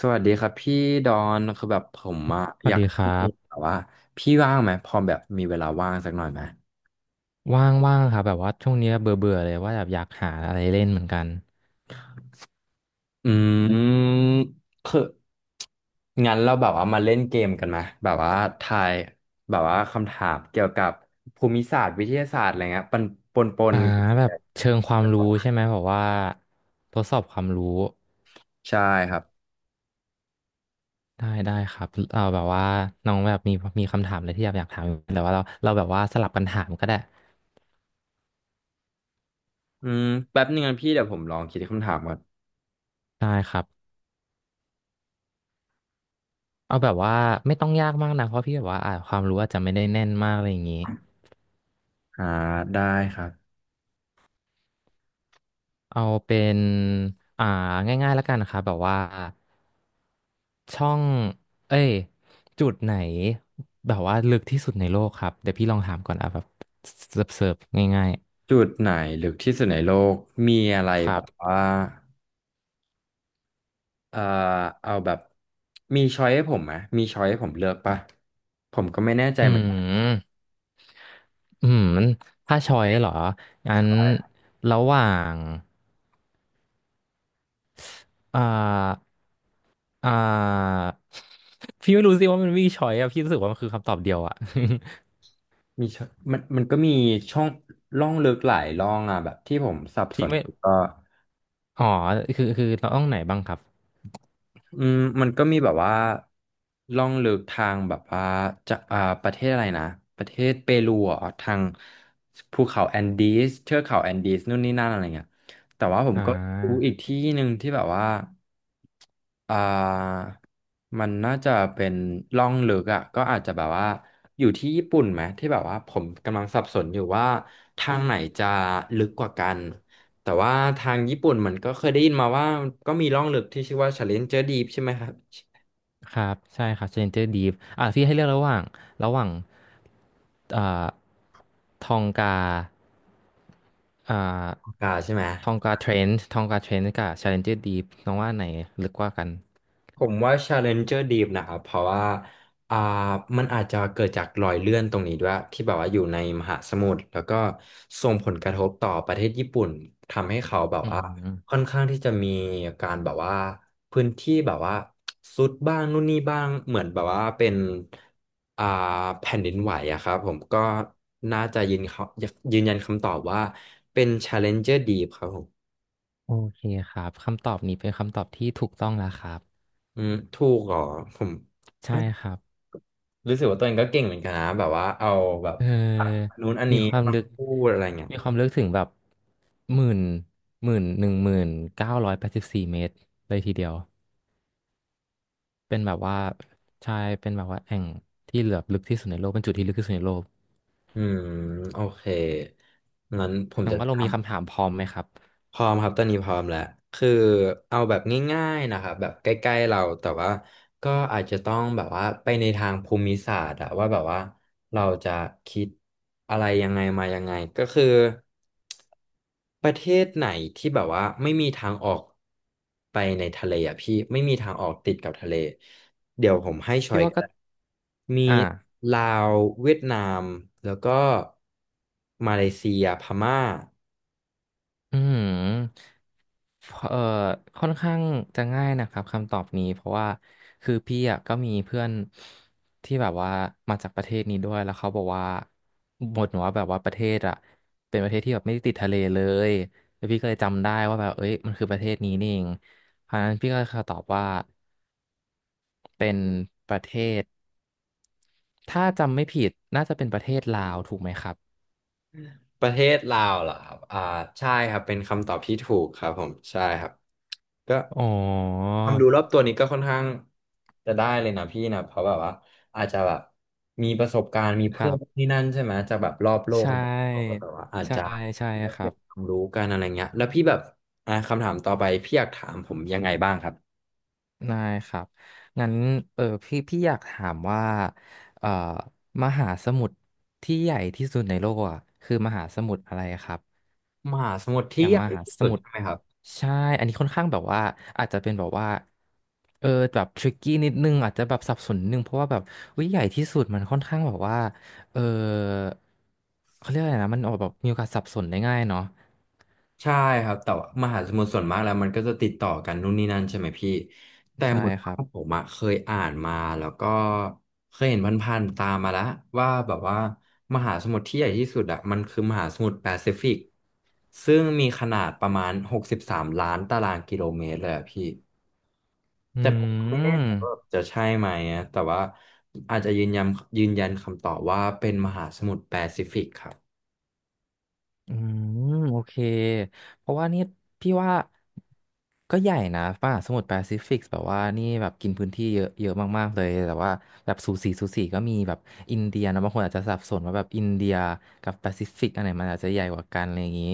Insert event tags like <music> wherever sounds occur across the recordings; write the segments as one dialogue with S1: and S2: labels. S1: สวัสดีครับพี่ดอนคือแบบผมอะ
S2: ส
S1: อ
S2: วัส
S1: ยาก
S2: ดีค
S1: ให้
S2: รั
S1: พี่แบ
S2: บ
S1: บว่าพี่ว่างไหมพอแบบมีเวลาว่างสักหน่อยไหม
S2: ว่างๆครับแบบว่าช่วงเนี้ยเบื่อเบื่อเลยว่าแบบอยากหาอะไรเล่นเหมือนกัน
S1: อืมคืองั้นเราแบบว่ามาเล่นเกมกันไหมแบบว่าทายแบบว่าคำถามเกี่ยวกับภูมิศาสตร์วิทยาศาสตร์อะไรเงี้ยปนปนปน
S2: อ่าแบบเชิงความรู้ใช่ไหมแบบว่าทดสอบความรู้
S1: ใช่ครับ
S2: ได้ได้ครับเออแบบว่าน้องแบบมีคำถามอะไรที่อยากถามอยู่แต่ว่าเราแบบว่าสลับกันถามก็ได้
S1: อืมแป๊บนึงนะพี่เดี๋ยวผมลองคิดคำถามก่อน
S2: ได้ครับเอาแบบว่าไม่ต้องยากมากนะเพราะพี่แบบว่าความรู้อาจจะไม่ได้แน่นมากอะไรอย่างนี้
S1: อ่าได้ครับ
S2: เอาเป็นอ่าง่ายๆแล้วกันนะครับแบบว่าช่องเอ้ยจุดไหนแบบว่าลึกที่สุดในโลกครับเดี๋ยวพี่ลองถามก่อนอ่ะแบบเสิร์ฟเสิร์ฟง่าย
S1: จุดไหนลึกที่สุดในโลกมีอะไร
S2: ๆค
S1: แบ
S2: รับ
S1: บว่า เอ่อเอาแบบมีช้อยให้ผมไหมมีช้อยให้ผมเลือกปะผมก็ไม่แน่ใจ
S2: อื
S1: เหมือนกัน
S2: มอืมถ้าชอยเหรองั้น
S1: ใช่
S2: ระหว่างอ่าอ่าพี่ไม่รู้สิว่ามันมีชอยอะพี่รู้สึกว่ามันคือคำตอบเดียวอะ
S1: มี choice มันมันก็มีช่องร่องลึกหลายร่องอ่ะแบบที่ผมสับ
S2: <laughs>
S1: ส
S2: ที่
S1: น
S2: ไม่
S1: ก็
S2: อ๋อคือเราต้องไหนบ้างครับ
S1: อืมมันก็มีแบบว่าล่องลึกทางแบบว่าจะอ่าประเทศอะไรนะประเทศเปรูอ่ะทางภูเขาแอนดีสเทือกเขาแอนดีสนู่นนี่นั่นอะไรเงี้ยแต่ว่าผม
S2: อ่า
S1: ก็รู้อีกที่หนึ่งที่แบบว่าอ่ามันน่าจะเป็นล่องลึกอ่ะก็อาจจะแบบว่าอยู่ที่ญี่ปุ่นไหมที่แบบว่าผมกำลังสับสนอยู่ว่าทางไหนจะลึกกว่ากัน แต่ว่าทางญี่ปุ่นเหมือนก็เคยได้ยินมาว่าก็มีร่องลึกที่ชื่อว่า Challenger Deep ใช่ไหมครับชิ
S2: ครับใช่ครับ Stranger Deep อ่ะพี่ให้เลือกระหว่างอ่าทองกาอ่า
S1: คาใช่ไหม
S2: ทองกาเทรนด์ทองกาเทรนด์กับ Stranger Deep น้องว่าอันไหนลึกกว่ากัน
S1: ผมว่า Challenger Deep นะครับเพราะว่าอ่ามันอาจจะเกิดจากรอยเลื่อนตรงนี้ด้วยที่แบบว่าอยู่ในมหาสมุทรแล้วก็ส่งผลกระทบต่อประเทศญี่ปุ่นทำให้เขาแบบ
S2: อื
S1: ว่าค่อ
S2: ม
S1: นข้างที่จะมีการแบบว่าพื้นที่แบบว่าซุดบ้างนู่นนี่บ้างเหมือนแบบว่าเป็นอ่าแผ่นดินไหวอะครับผมก็น่าจะยืนเขายืนยันคำตอบว่าเป็น Challenger Deep ครับผม
S2: โอเคครับคำตอบนี้เป็นคำตอบที่ถูกต้องแล้วครับ
S1: อืมถูกเหรอผม
S2: ใช่ครับ
S1: รู้สึกว่าตัวเองก็เก่งเหมือนกันนะแบบว่าเอาแบบ
S2: เออ
S1: นู้นอัน
S2: มี
S1: นี้
S2: ความ
S1: มา
S2: ลึก
S1: พูดอะไรเงี้ย
S2: มีความลึกถึงแบบหมื่น10,984เมตรเลยทีเดียว เป็นแบบว่าใช่เป็นแบบว่าแอ่งที่เหลือบลึกที่สุดในโลกเป็นจุดที่ลึกที่สุดในโลก
S1: อืมโอเคงั้นผม
S2: น้อง
S1: จะ
S2: ว่าเรา
S1: ทำ
S2: มีคำถามพร้อมไหมครับ
S1: พร้อมครับตอนนี้พร้อมแล้วคือเอาแบบง่ายๆนะครับแบบใกล้ๆเราแต่ว่าก็อาจจะต้องแบบว่าไปในทางภูมิศาสตร์อะว่าแบบว่าเราจะคิดอะไรยังไงมายังไงก็คือประเทศไหนที่แบบว่าไม่มีทางออกไปในทะเลอ่ะพี่ไม่มีทางออกติดกับทะเลเดี๋ยวผมให้ชอ
S2: พี่
S1: ย
S2: ว่า
S1: ก็
S2: ก็
S1: ได้มี
S2: อ่า
S1: ลาวเวียดนามแล้วก็มาเลเซียพม่า
S2: อืมเอ่อค่อนข้างจะง่ายนะครับคำตอบนี้เพราะว่าคือพี่อ่ะก็มีเพื่อนที่แบบว่ามาจากประเทศนี้ด้วยแล้วเขาบอกว่าบ่นว่าแบบว่าประเทศอ่ะเป็นประเทศที่แบบไม่ได้ติดทะเลเลยแล้วพี่ก็เลยจำได้ว่าแบบเอ้ยมันคือประเทศนี้นี่เองเพราะฉะนั้นพี่ก็ขอตอบว่าเป็นประเทศ ถ้าจำไม่ผิดน่าจะเป็นประเทศลาวถูกไหมครับ
S1: ประเทศลาวเหรอครับอ่าใช่ครับเป็นคำตอบที่ถูกครับผมใช่ครับก็
S2: อ๋อ
S1: ความรู้รอบตัวนี้ก็ค่อนข้างจะได้เลยนะพี่นะเพราะแบบว่าอาจจะแบบมีประสบการณ์มี
S2: ค
S1: เพื่
S2: รั
S1: อน
S2: บ
S1: ที่นั่นใช่ไหมจากแบบรอบโลก
S2: ใช่
S1: อะไรแบบนี้ก็แบบว่าอาจ
S2: ใช่
S1: จะ
S2: ใช่
S1: ได้
S2: ครั
S1: เป็
S2: บ
S1: นความรู้กันอะไรเงี้ยแล้วพี่แบบอ่าคำถามต่อไปพี่อยากถามผมยังไงบ้างครับ
S2: ได้ครับงั้นเออพี่อยากถามว่าเอ่อมหาสมุทรที่ใหญ่ที่สุดในโลกอ่ะคือมหาสมุทรอะไรครับ
S1: มหาสมุทร
S2: อ
S1: ที่
S2: ย่าง
S1: ใหญ่
S2: มหา
S1: ที่
S2: ส
S1: สุด
S2: มุทร
S1: ใช่ไหมครับ
S2: ใช่อันนี้ค่อนข้างแบบว่าอาจจะเป็นแบบว่าเออแบบทริกกี้นิดนึงอาจจะแบบสับสนนิดนึงเพราะว่าแบบวิใหญ่ที่สุดมันค่อนข้างแบบว่าเออเขาเรียกอะไรนะมันออกแบบมีโอกาสสับสนได้ง่ายเนาะ
S1: ใช่ครับแต่ว่ามหาสมุทรส่วนมากแล้วมันก็จะติดต่อกันนู่นนี่นั่นใช่ไหมพี่แต่
S2: ใช่
S1: เหมือน
S2: ค
S1: ว่า
S2: รับ
S1: ผมอะเคยอ่านมาแล้วก็เคยเห็นผพันๆตามมาแล้วว่าแบบว่ามหาสมุทรที่ใหญ่ที่สุดอะมันคือมหาสมุทรแปซิฟิกซึ่งมีขนาดประมาณ63 ล้านตารางกิโลเมตรเลยอะพี่
S2: อื
S1: แต่ผมก็ไม่แน่ใจว่า
S2: ม
S1: จะใช่ไหมอะแต่ว่าอาจจะยืนยันยืนยันคำตอบว่าเป็นมหาสมุทรแปซิฟิกครับ
S2: อืมโอเคเพราะว่านี่พี่ว่าก็ใหญ่นะป่ะสมุทรแปซิฟิกแบบว่านี่แบบกินพื้นที่เยอะเยอะมากๆเลยแต่ว่าแบบสูสีสูสีก็มีแบบอินเดียนะบางคนอาจจะสับสนว่าแบบอินเดียกับแปซิฟิกอันไหนมันอาจจะใหญ่กว่ากันอะไรอย่างนี้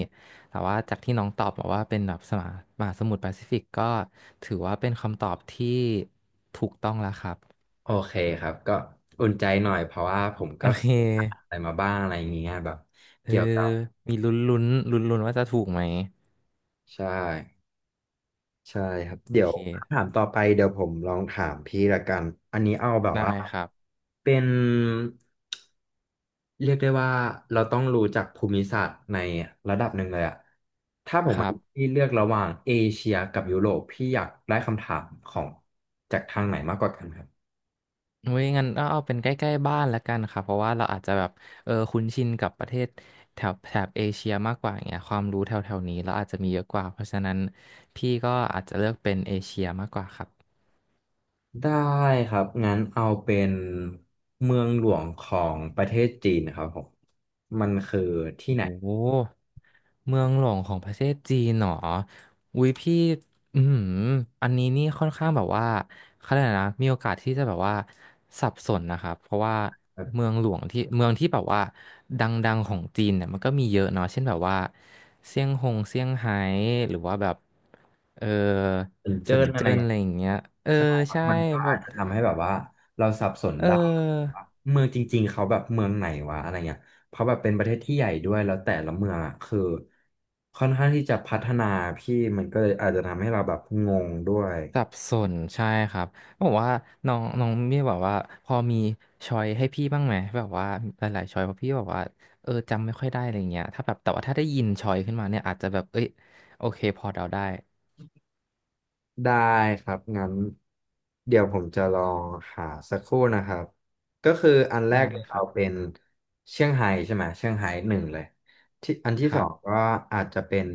S2: แต่ว่าจากที่น้องตอบบอกว่าเป็นแบบสมามหาสมุทรแปซิฟิกก็ถือว่าเป็นคำตอบที่ถูกต้องแล้วครับ
S1: โอเคครับก็อุ่นใจหน่อยเพราะว่าผม
S2: โอ
S1: ก็
S2: เค
S1: อานอะไรมาบ้างอะไรอย่างเงี้ยแบบ
S2: เออ
S1: เกี่ยวกับ
S2: มีลุ้นลุ้นลุ้นลุ้นๆว่าจะถูกไหม
S1: ใช่ใช่ครับ
S2: โอ
S1: เดี๋ยว
S2: เค
S1: คำถามต่อไปเดี๋ยวผมลองถามพี่ละกันอันนี้เอาแบบ
S2: ได้
S1: ว่า
S2: ครับ
S1: เป็นเรียกได้ว่าเราต้องรู้จักภูมิศาสตร์ในระดับหนึ่งเลยอะถ้าผม
S2: ครั
S1: ให้
S2: บ
S1: พี่เลือกระหว่างเอเชียกับยุโรปพี่อยากได้คำถามของจากทางไหนมากกว่ากันครับ
S2: เว้ยงั้นก็เอาเป็นใกล้ๆบ้านละกันค่ะเพราะว่าเราอาจจะแบบเออคุ้นชินกับประเทศแถบแถบเอเชียมากกว่าอย่างเงี้ยความรู้แถวๆนี้เราอาจจะมีเยอะกว่าเพราะฉะนั้นพี่ก็อาจจะเลือกเป็นเอเชียมากกว่าครับ
S1: ได้ครับงั้นเอาเป็นเมืองหลวงของประเทศจีนครับผมมันคือที่
S2: โอ้
S1: ไหน
S2: โห เมืองหลวงของประเทศจีนเหรออุ้ยพี่อืมอหืออันนี้นี่ค่อนข้างแบบว่าเขาเรียกอะไรนะมีโอกาสที่จะแบบว่าสับสนนะครับเพราะว่า
S1: แบบ
S2: เมืองหลวงที่เมืองที่แบบว่าดังๆของจีนเนี่ยมันก็มีเยอะเนาะเช่นแบบว่าเซี่ยงไฮ้หรือว่าแบบเออ
S1: เซิน
S2: เซิ
S1: เจิ้
S2: น
S1: นอะไร
S2: เจิ้นอะไรอย่างเงี้ยเออ
S1: ใช่ครับ
S2: ใช่
S1: มันก็
S2: แบ
S1: อาจ
S2: บ
S1: จะทำให้แบบว่าเราสับสน
S2: เ
S1: ได้
S2: ออ
S1: ว่าเมืองจริงๆเขาแบบเมืองไหนวะอะไรเงี้ยเพราะแบบเป็นประเทศที่ใหญ่ด้วยแล้วแต่ละเมืองอ่ะคือค่อนข้างที่จะพัฒนาพี่มันก็เลยอาจจะทำให้เราแบบงงด้วย
S2: สับสนใช่ครับบอกว่าน้องน้องเมียบอกว่าพอมีช้อยให้พี่บ้างไหมแบบว่าหลายๆช้อยเพราะพี่บอกว่าเออจำไม่ค่อยได้อะไรเงี้ยถ้าแบบแต่ว่าถ้าได้ยินช้อยขึ้นมาเนี่ยอาจจะแบบเอ้ยโอเคพอเดาได้
S1: ได้ครับงั้นเดี๋ยวผมจะลองหาสักครู่นะครับก็คืออันแร
S2: ได้
S1: ก
S2: ค
S1: เรา
S2: รับ
S1: เป็นเชียงไฮ้ใช่ไหมเชียงไฮ้หนึ่งเลยที่อันที่
S2: ค
S1: สอ
S2: รั
S1: ง
S2: บ
S1: ก็อาจจะเป็น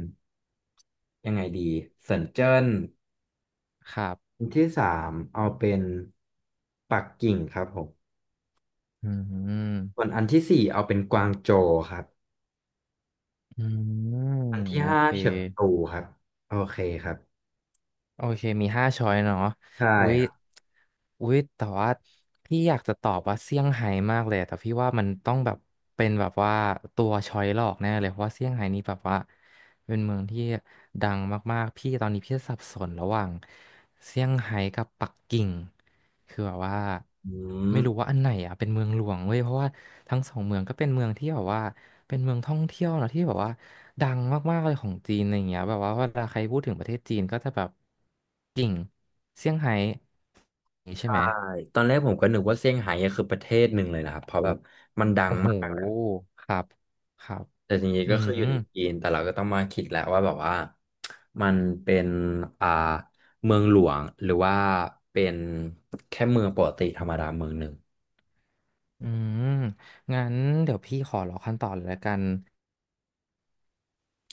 S1: ยังไงดีเซินเจิ้น
S2: ครับ
S1: อันที่สามเอาเป็นปักกิ่งครับผม
S2: อืม
S1: ส่วนอันที่สี่เอาเป็นกวางโจวครับ
S2: อื
S1: อัน
S2: ม
S1: ที่
S2: โอ
S1: ห้า
S2: เค
S1: เฉิงตูครับโอเคครับ
S2: โอเค มีห้าช้อยเนาะ
S1: ใช่
S2: อุ๊ย
S1: ครับ
S2: อุ๊ย แต่ว่าพี่อยากจะตอบว่าเซี่ยงไฮ้มากเลย แต่พี่ว่ามันต้องแบบเป็นแบบว่าตัวช้อยหลอกแน่เลยเพราะว่าเซี่ยงไฮ้นี่แบบว่า เป็นเมืองที่ดังมากๆ พี่ตอนนี้พี่สับสนระหว่างเซี่ยงไฮ้กับปักกิ่ง คือแบบว่า
S1: อืม
S2: ไม่รู้ว่าอันไหนอ่ะเป็นเมืองหลวงเว้ย เพราะว่าทั้งสองเมืองก็เป็นเมืองที่แบบว่าเป็นเมืองท่องเที่ยวนะที่แบบว่าดังมากๆเลยของจีนอะไรอย่างเงี้ยแบบว่าเวลาใครพูดถึงประเทศจีนก็จะแบบกิ่งเซี่ยงไฮ้นี่างงี้ใช่
S1: ใช่
S2: ไหม
S1: ตอนแรกผมก็นึกว่าเซี่ยงไฮ้อะคือประเทศหนึ่งเลยนะครับเพราะแบบมันดัง
S2: โอ้โห
S1: มากแหละ
S2: ครับครับ
S1: แต่จริง
S2: อื
S1: ๆก็คืออ
S2: ม
S1: ยู่ในจีนแต่เราก็ต้องมาคิดแล้วว่าแบบว่ามันเป็นอ่าเมืองหลวงหรือว่าเป็นแค่เมืองปกติธรรมดาเมืองหนึ่ง
S2: อืมงั้นเดี๋ยวพี่ขอรอขั้นตอนเลยละกัน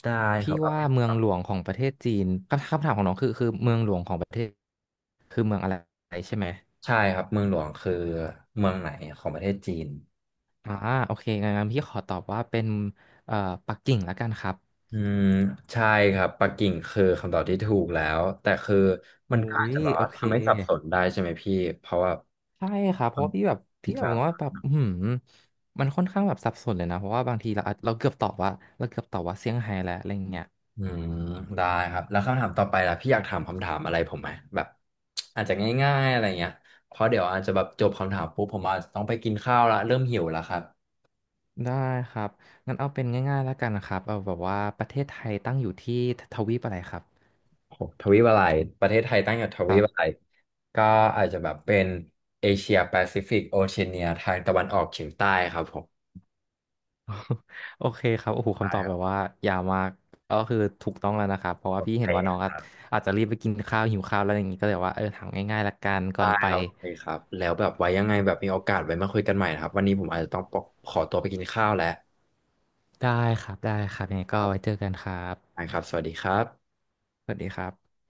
S1: ได้ค
S2: พี่
S1: รับเอา
S2: ว่า
S1: เป็น
S2: เมือ
S1: แบ
S2: ง
S1: บ
S2: หลวงของประเทศจีนคำถามของน้องคือเมืองหลวงของประเทศคือเมืองอะไรใช่ไหม
S1: ใช่ครับเมืองหลวงคือเมืองไหนของประเทศจีน
S2: อ่าโอเคงั้นพี่ขอตอบว่าเป็นเอ่อปักกิ่งละกันครับ
S1: อืมใช่ครับปักกิ่งคือคำตอบที่ถูกแล้วแต่คือมั
S2: อุ้
S1: นก็อาจ
S2: ย
S1: จะแบบ
S2: โอ
S1: ว่า
S2: เค
S1: ทำให้สับสนได้ใช่ไหมพี่เพราะว่า
S2: ใช่ครับเพราะว่าพี่
S1: ที่
S2: แบบ
S1: จะ
S2: ว่าแบบอื้อหืมมันค่อนข้างแบบสับสนเลยนะเพราะว่าบางทีเราเกือบตอบว่าเซี่ยงไฮ้แล้วอะไรอย่างเงี้ย
S1: อืมได้ครับแล้วคำถามต่อไปล่ะพี่อยากถามคำถามอะไรผมไหมแบบอาจจะง่ายๆอะไรเงี้ยเพราะเดี๋ยวอาจจะแบบจบคำถามปุ๊บผมอาจจะต้องไปกินข้าวละเริ่มหิวแล้วครับ
S2: ได้ครับงั้นเอาเป็นง่ายๆแล้วกันนะครับเอาแบบว่าประเทศไทยตั้งอยู่ที่ทวีปอะไรครับ
S1: โอ้โหทวีปอะไรประเทศไทยตั้งอยู่ทวีปอะไรก็อาจจะแบบเป็นเอเชียแปซิฟิกโอเชียเนียทางตะวันออกเฉียงใต้ครับผม
S2: <laughs> โอเคครับโอ้โห
S1: ได้
S2: คำตอบ
S1: ครั
S2: แบ
S1: บ
S2: บว่ายาวมากก็คือถูกต้องแล้วนะครับเพราะว่า
S1: โอ
S2: พี่
S1: เค
S2: เห็นว่าน้อง
S1: ครับ
S2: อาจจะรีบไปกินข้าวหิวข้าวแล้วอย่างนี้ก็เลยว่าเออถามง่ายๆละกันก่อ
S1: ได้
S2: นไป
S1: ครับโอเคครับแล้วแบบไว้ยังไงแบบมีโอกาสไว้มาคุยกันใหม่นะครับวันนี้ผมอาจจะต้องขอตัวไปกินข้าวแล้ว
S2: ได้ครับได้ครับยังไง
S1: ค
S2: ก็
S1: รั
S2: ไว้เจ
S1: บ
S2: อกันครับ
S1: ได้ครับสวัสดีครับ
S2: สวัสดีครับ